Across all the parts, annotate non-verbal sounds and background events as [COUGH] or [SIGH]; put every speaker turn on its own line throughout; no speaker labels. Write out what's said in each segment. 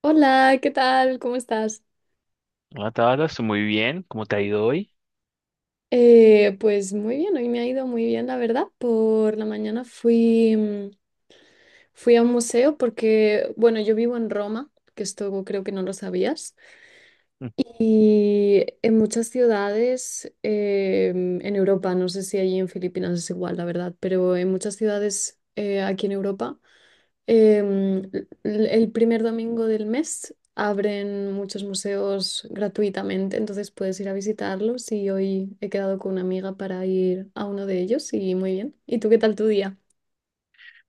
Hola, ¿qué tal? ¿Cómo estás?
Hola Tabata, estoy muy bien. ¿Cómo te ha ido hoy?
Pues muy bien, hoy me ha ido muy bien, la verdad. Por la mañana fui a un museo porque, bueno, yo vivo en Roma, que esto creo que no lo sabías,
Mm,
y en muchas ciudades en Europa, no sé si allí en Filipinas es igual, la verdad, pero en muchas ciudades aquí en Europa. Em, el primer domingo del mes abren muchos museos gratuitamente, entonces puedes ir a visitarlos y hoy he quedado con una amiga para ir a uno de ellos y muy bien. ¿Y tú qué tal tu día?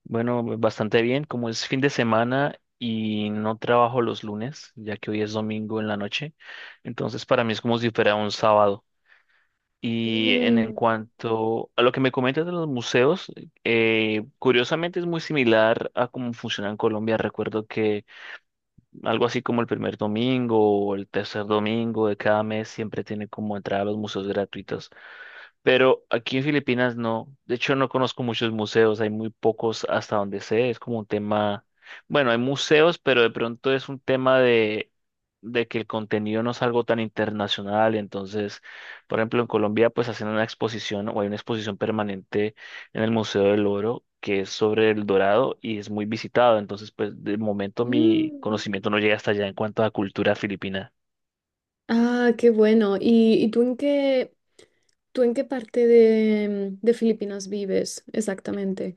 Bueno, bastante bien. Como es fin de semana y no trabajo los lunes, ya que hoy es domingo en la noche, entonces para mí es como si fuera un sábado. Y en
Mm,
cuanto a lo que me comentas de los museos, curiosamente es muy similar a cómo funciona en Colombia. Recuerdo que algo así como el primer domingo o el tercer domingo de cada mes siempre tiene como entrada a los museos gratuitos. Pero aquí en Filipinas no. De hecho, no conozco muchos museos, hay muy pocos hasta donde sé. Es como un tema, bueno, hay museos, pero de pronto es un tema de que el contenido no es algo tan internacional. Entonces, por ejemplo, en Colombia, pues hacen una exposición o hay una exposición permanente en el Museo del Oro que es sobre el Dorado y es muy visitado. Entonces, pues de momento mi
mm.
conocimiento no llega hasta allá en cuanto a cultura filipina.
Ah, qué bueno. ¿Y tú en qué parte de Filipinas vives exactamente?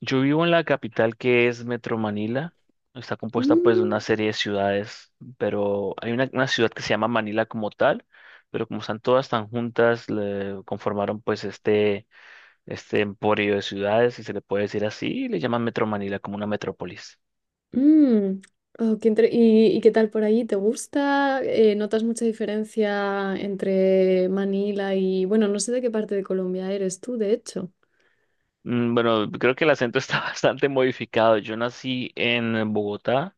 Yo vivo en la capital que es Metro Manila. Está compuesta pues de
Mm,
una serie de ciudades, pero hay una ciudad que se llama Manila como tal, pero como están todas tan juntas, le conformaron pues este emporio de ciudades, si se le puede decir así, y le llaman Metro Manila como una metrópolis.
mm. ¿Y qué tal por ahí? ¿Te gusta? ¿Notas mucha diferencia entre Manila y, bueno, no sé de qué parte de Colombia eres tú, de hecho?
Bueno, creo que el acento está [LAUGHS] bastante modificado. Yo nací en Bogotá,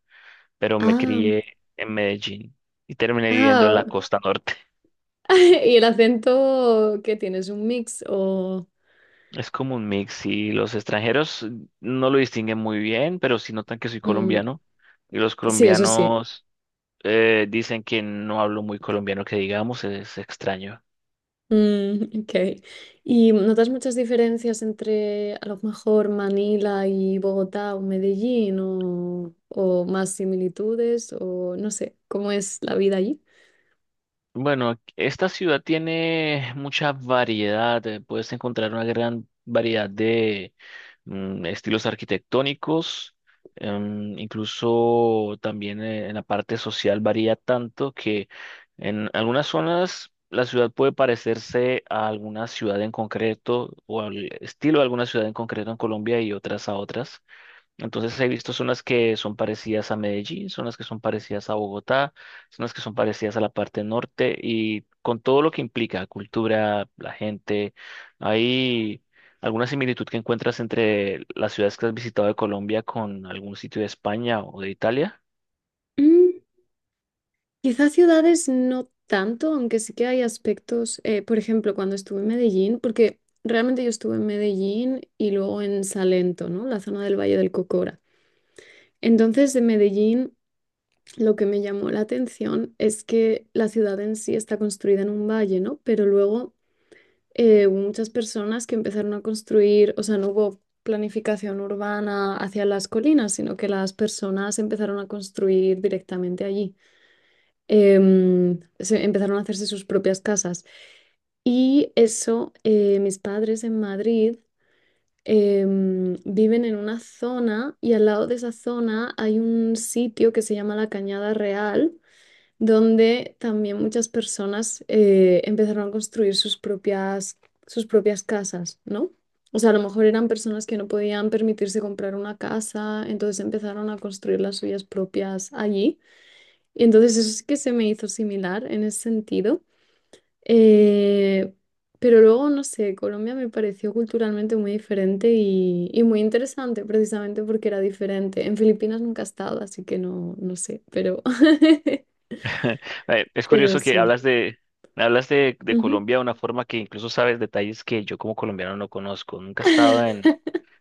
pero me
Ah,
crié en Medellín y terminé viviendo en
ah.
la costa norte.
[LAUGHS] ¿Y el acento qué tienes? ¿Un mix? O.
Es como un mix y los extranjeros no lo distinguen muy bien, pero sí notan que soy
Mm,
colombiano y los
sí, eso sí.
colombianos dicen que no hablo muy colombiano, que digamos es extraño.
Mm, [LAUGHS] ok. ¿Y notas muchas diferencias entre a lo mejor Manila y Bogotá o Medellín o más similitudes o no sé, cómo es la vida allí?
Bueno, esta ciudad tiene mucha variedad, puedes encontrar una gran variedad de estilos arquitectónicos, incluso también en la parte social varía tanto que en algunas zonas la ciudad puede parecerse a alguna ciudad en concreto o al estilo de alguna ciudad en concreto en Colombia y otras a otras. Entonces he visto zonas que son parecidas a Medellín, zonas que son parecidas a Bogotá, zonas que son parecidas a la parte norte y con todo lo que implica, cultura, la gente, hay alguna similitud que encuentras entre las ciudades que has visitado de Colombia con algún sitio de España o de Italia.
Quizás ciudades no tanto, aunque sí que hay aspectos, por ejemplo, cuando estuve en Medellín, porque realmente yo estuve en Medellín y luego en Salento, ¿no? La zona del Valle del Cocora. Entonces, de Medellín, lo que me llamó la atención es que la ciudad en sí está construida en un valle, ¿no? Pero luego hubo muchas personas que empezaron a construir, o sea, no hubo planificación urbana hacia las colinas, sino que las personas empezaron a construir directamente allí empezaron a hacerse sus propias casas. Y eso, mis padres en Madrid viven en una zona y al lado de esa zona hay un sitio que se llama la Cañada Real, donde también muchas personas empezaron a construir sus propias casas, ¿no? O sea, a lo mejor eran personas que no podían permitirse comprar una casa, entonces empezaron a construir las suyas propias allí. Y entonces eso sí que se me hizo similar en ese sentido. Eh, pero luego, no sé, Colombia me pareció culturalmente muy diferente y muy interesante, precisamente porque era diferente. En Filipinas nunca he estado, así que no, no sé, pero, [LAUGHS]
[LAUGHS] Es
pero
curioso que
sí.
hablas de
Ujú.
Colombia de una forma que incluso sabes detalles que yo como colombiano no conozco. Nunca he estado en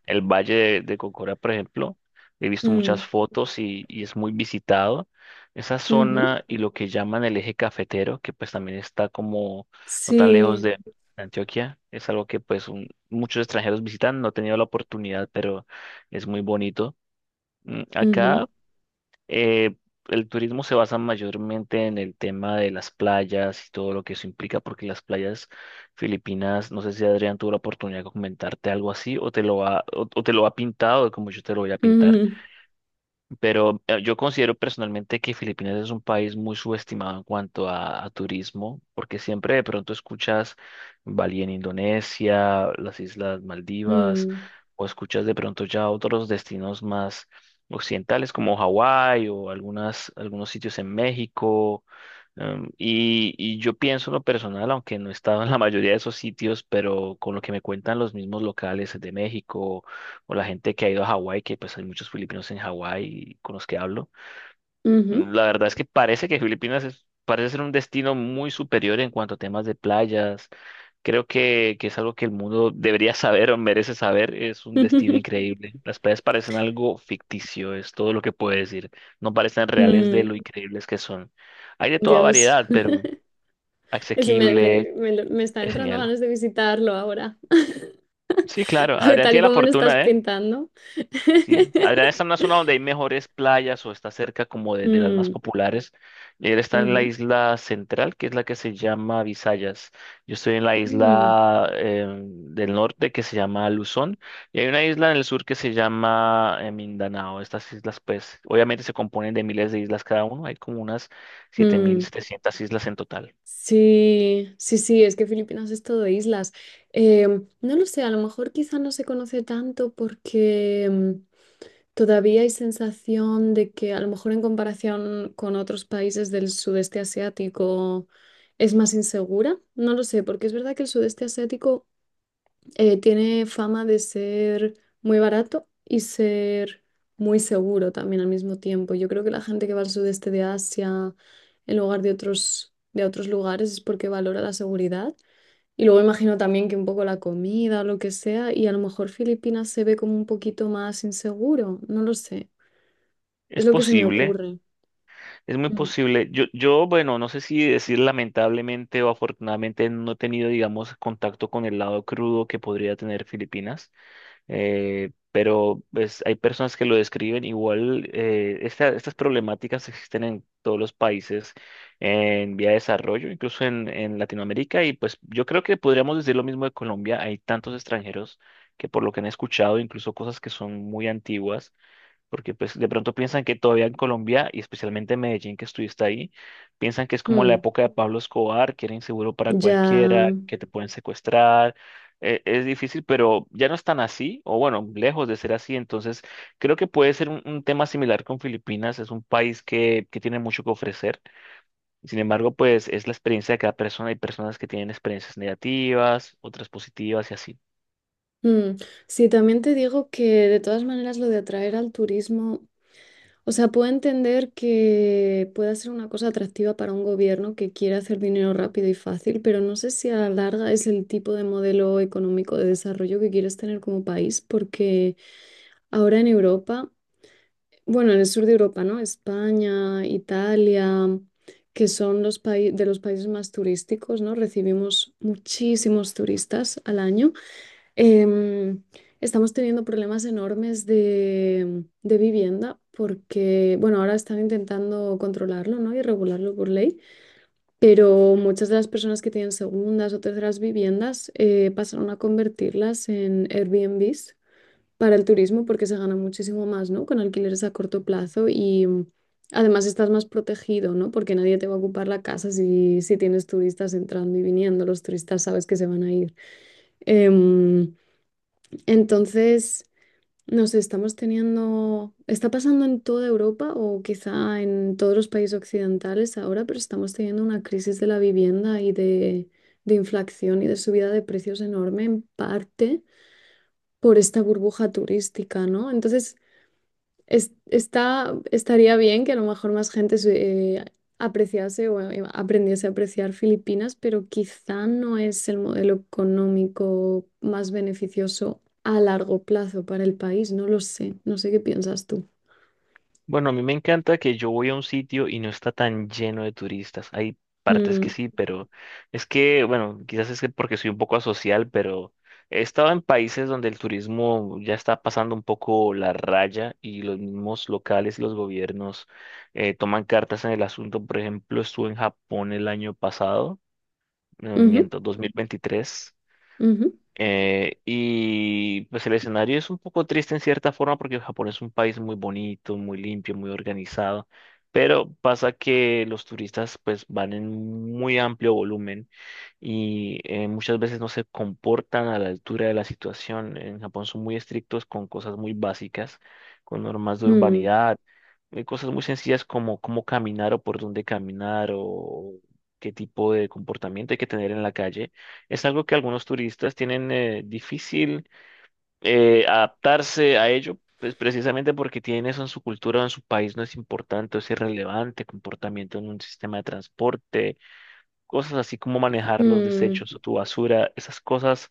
el Valle de Cocora, por ejemplo, he visto muchas
Mm,
fotos y es muy visitado. Esa
ujú.
zona y lo que llaman el eje cafetero, que pues también está como no tan lejos
Sí.
de Antioquia, es algo que muchos extranjeros visitan. No he tenido la oportunidad, pero es muy bonito.
Ujú,
Acá eh, el turismo se basa mayormente en el tema de las playas y todo lo que eso implica, porque las playas filipinas, no sé si Adrián tuvo la oportunidad de comentarte algo así o te lo ha, o te lo ha pintado como yo te lo voy a pintar.
ujú,
Pero yo considero personalmente que Filipinas es un país muy subestimado en cuanto a turismo, porque siempre de pronto escuchas Bali en Indonesia, las Islas Maldivas,
mm,
o escuchas de pronto ya otros destinos más occidentales como Hawái o algunos sitios en México. Y yo pienso en lo personal, aunque no he estado en la mayoría de esos sitios, pero con lo que me cuentan los mismos locales de México o la gente que ha ido a Hawái, que pues hay muchos filipinos en Hawái con los que hablo,
ujú.
la verdad es que parece que parece ser un destino muy superior en cuanto a temas de playas. Creo que es algo que el mundo debería saber o merece saber. Es un destino
[LAUGHS]
increíble. Las playas parecen algo ficticio, es todo lo que puedo decir. No parecen reales de
Mm,
lo increíbles que son. Hay de toda
Dios.
variedad, pero
[LAUGHS] Es que me,
asequible,
me me lo- me está
es
entrando
genial.
ganas de visitarlo ahora. [LAUGHS]
Sí, claro,
A ver,
Adrián
tal y
tiene la
como lo estás
fortuna, ¿eh?
pintando.
Sí, Adrián está
[LAUGHS]
en una zona donde hay mejores playas o está cerca como de las más
Mm,
populares. Él está en la
ujú,
isla central, que es la que se llama Visayas. Yo estoy en la
mm,
isla del norte que se llama Luzón y hay una isla en el sur que se llama Mindanao. Estas islas, pues, obviamente se componen de miles de islas cada uno. Hay como unas
mm.
7.700 islas en total.
Sí, sí, sí, es que Filipinas es todo islas. No lo sé, a lo mejor quizá no se conoce tanto porque todavía hay sensación de que a lo mejor en comparación con otros países del sudeste asiático es más insegura. No lo sé, porque es verdad que el sudeste asiático tiene fama de ser muy barato y ser muy seguro también al mismo tiempo. Yo creo que la gente que va al sudeste de Asia en lugar de otros lugares es porque valora la seguridad. Y luego imagino también que un poco la comida o lo que sea, y a lo mejor Filipinas se ve como un poquito más inseguro, no lo sé. Es
Es
lo que se me
posible.
ocurre.
Es muy
Mm.
posible. Bueno, no sé si decir lamentablemente o afortunadamente no he tenido, digamos, contacto con el lado crudo que podría tener Filipinas, pero pues, hay personas que lo describen igual. Estas problemáticas existen en todos los países en vía de desarrollo, incluso en Latinoamérica, y pues yo creo que podríamos decir lo mismo de Colombia. Hay tantos extranjeros que por lo que han escuchado, incluso cosas que son muy antiguas porque pues de pronto piensan que todavía en Colombia y especialmente en Medellín que estuviste ahí, piensan que es como la
Mm,
época de Pablo Escobar, que era inseguro para
ya.
cualquiera, que te pueden secuestrar. Es difícil, pero ya no es tan así, o bueno, lejos de ser así. Entonces, creo que puede ser un tema similar con Filipinas. Es un país que tiene mucho que ofrecer. Sin embargo, pues es la experiencia de cada persona. Hay personas que tienen experiencias negativas, otras positivas y así.
Mm. Sí, también te digo que de todas maneras lo de atraer al turismo. O sea, puedo entender que pueda ser una cosa atractiva para un gobierno que quiere hacer dinero rápido y fácil, pero no sé si a la larga es el tipo de modelo económico de desarrollo que quieres tener como país, porque ahora en Europa, bueno, en el sur de Europa, ¿no? España, Italia, que son los países más turísticos, ¿no? Recibimos muchísimos turistas al año. Em, Estamos teniendo problemas enormes de vivienda porque, bueno, ahora están intentando controlarlo, ¿no? Y regularlo por ley, pero muchas de las personas que tienen segundas o terceras viviendas pasaron a convertirlas en Airbnbs para el turismo porque se gana muchísimo más, ¿no? Con alquileres a corto plazo y además estás más protegido, ¿no? Porque nadie te va a ocupar la casa si tienes turistas entrando y viniendo, los turistas sabes que se van a ir. Em, entonces, no sé, está pasando en toda Europa o quizá en todos los países occidentales ahora, pero estamos teniendo una crisis de la vivienda y de inflación y de subida de precios enorme en parte por esta burbuja turística, ¿no? Entonces, estaría bien que a lo mejor más gente se apreciase o aprendiese a apreciar Filipinas, pero quizá no es el modelo económico más beneficioso a largo plazo para el país. No lo sé. No sé qué piensas tú.
Bueno, a mí me encanta que yo voy a un sitio y no está tan lleno de turistas. Hay partes que
Mm,
sí, pero es que, bueno, quizás es que porque soy un poco asocial, pero he estado en países donde el turismo ya está pasando un poco la raya y los mismos locales y los gobiernos toman cartas en el asunto. Por ejemplo, estuve en Japón el año pasado,
ujú,
miento, Ujú. 2023.
ujú,
Y pues el escenario es un poco triste en cierta forma porque Japón es un país muy bonito, muy limpio, muy organizado, pero pasa que los turistas pues van en muy amplio volumen y muchas veces no se comportan a la altura de la situación. En Japón son muy estrictos con cosas muy básicas, con normas de
mm,
urbanidad, cosas muy sencillas como cómo caminar o por dónde caminar o qué tipo de comportamiento hay que tener en la calle. Es algo que algunos turistas tienen difícil adaptarse a ello. Pues precisamente porque tienen eso en su cultura o en su país no es importante o si es irrelevante, comportamiento en un sistema de transporte, cosas así como manejar los desechos
mm,
o tu basura, esas cosas.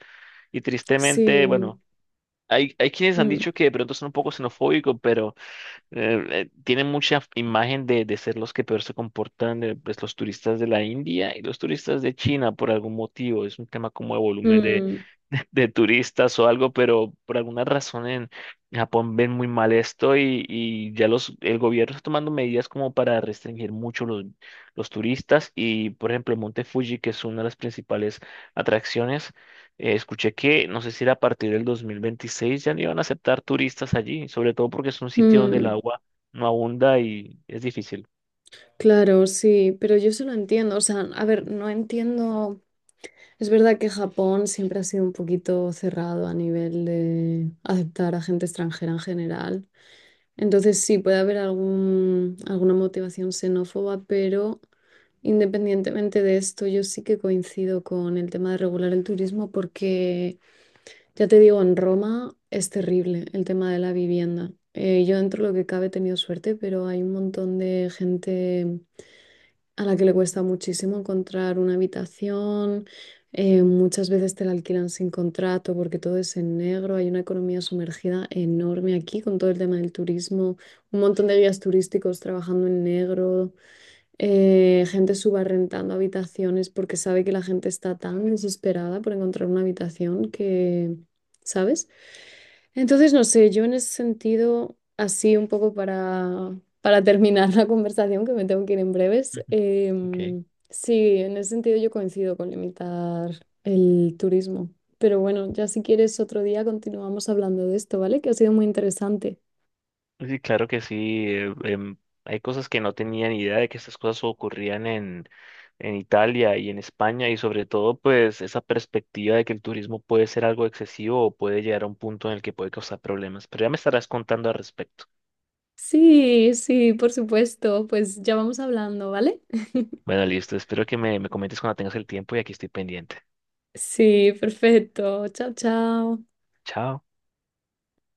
Y tristemente,
sí.
bueno, hay quienes han
Mm,
dicho que de pronto son un poco xenofóbicos, pero tienen mucha imagen de ser los que peor se comportan, pues los turistas de la India y los turistas de China por algún motivo. Es un tema como de volumen
mm,
de turistas o algo, pero por alguna razón en Japón ven muy mal esto y ya los, el gobierno está tomando medidas como para restringir mucho los turistas y, por ejemplo, el Monte Fuji, que es una de las principales atracciones, escuché que no sé si era a partir del 2026 ya no iban a aceptar turistas allí, sobre todo porque es un sitio donde el
mm.
agua no abunda y es difícil.
Claro, sí, pero yo se lo entiendo. O sea, a ver, no entiendo. Es verdad que Japón siempre ha sido un poquito cerrado a nivel de aceptar a gente extranjera en general. Entonces sí, puede haber alguna motivación xenófoba, pero independientemente de esto, yo sí que coincido con el tema de regular el turismo porque, ya te digo, en Roma es terrible el tema de la vivienda. Yo dentro de lo que cabe he tenido suerte, pero hay un montón de gente a la que le cuesta muchísimo encontrar una habitación, muchas veces te la alquilan sin contrato porque todo es en negro, hay una economía sumergida enorme aquí con todo el tema del turismo, un montón de guías turísticos trabajando en negro, gente subarrendando habitaciones porque sabe que la gente está tan desesperada por encontrar una habitación que, ¿sabes? Entonces, no sé, yo en ese sentido, así un poco para [LAUGHS] terminar la conversación, que me tengo que ir en breves,
Ujú. Ok.
em, sí, en ese sentido yo coincido con limitar el turismo. Pero bueno, ya si quieres otro día continuamos hablando de esto, ¿vale? Que ha sido muy interesante.
Sí, claro que sí. Hay cosas que no tenía ni idea de que estas cosas ocurrían en Italia y en España y sobre todo pues esa perspectiva de que el turismo puede ser algo excesivo o puede llegar a un punto en el que puede causar problemas. Pero ya me estarás contando al respecto.
Sí, sí, por supuesto, pues ya vamos hablando, ¿vale?
Bueno, listo. Espero que me comentes cuando tengas el tiempo y aquí estoy pendiente.
Sí, perfecto. Chao, chao.
Chao.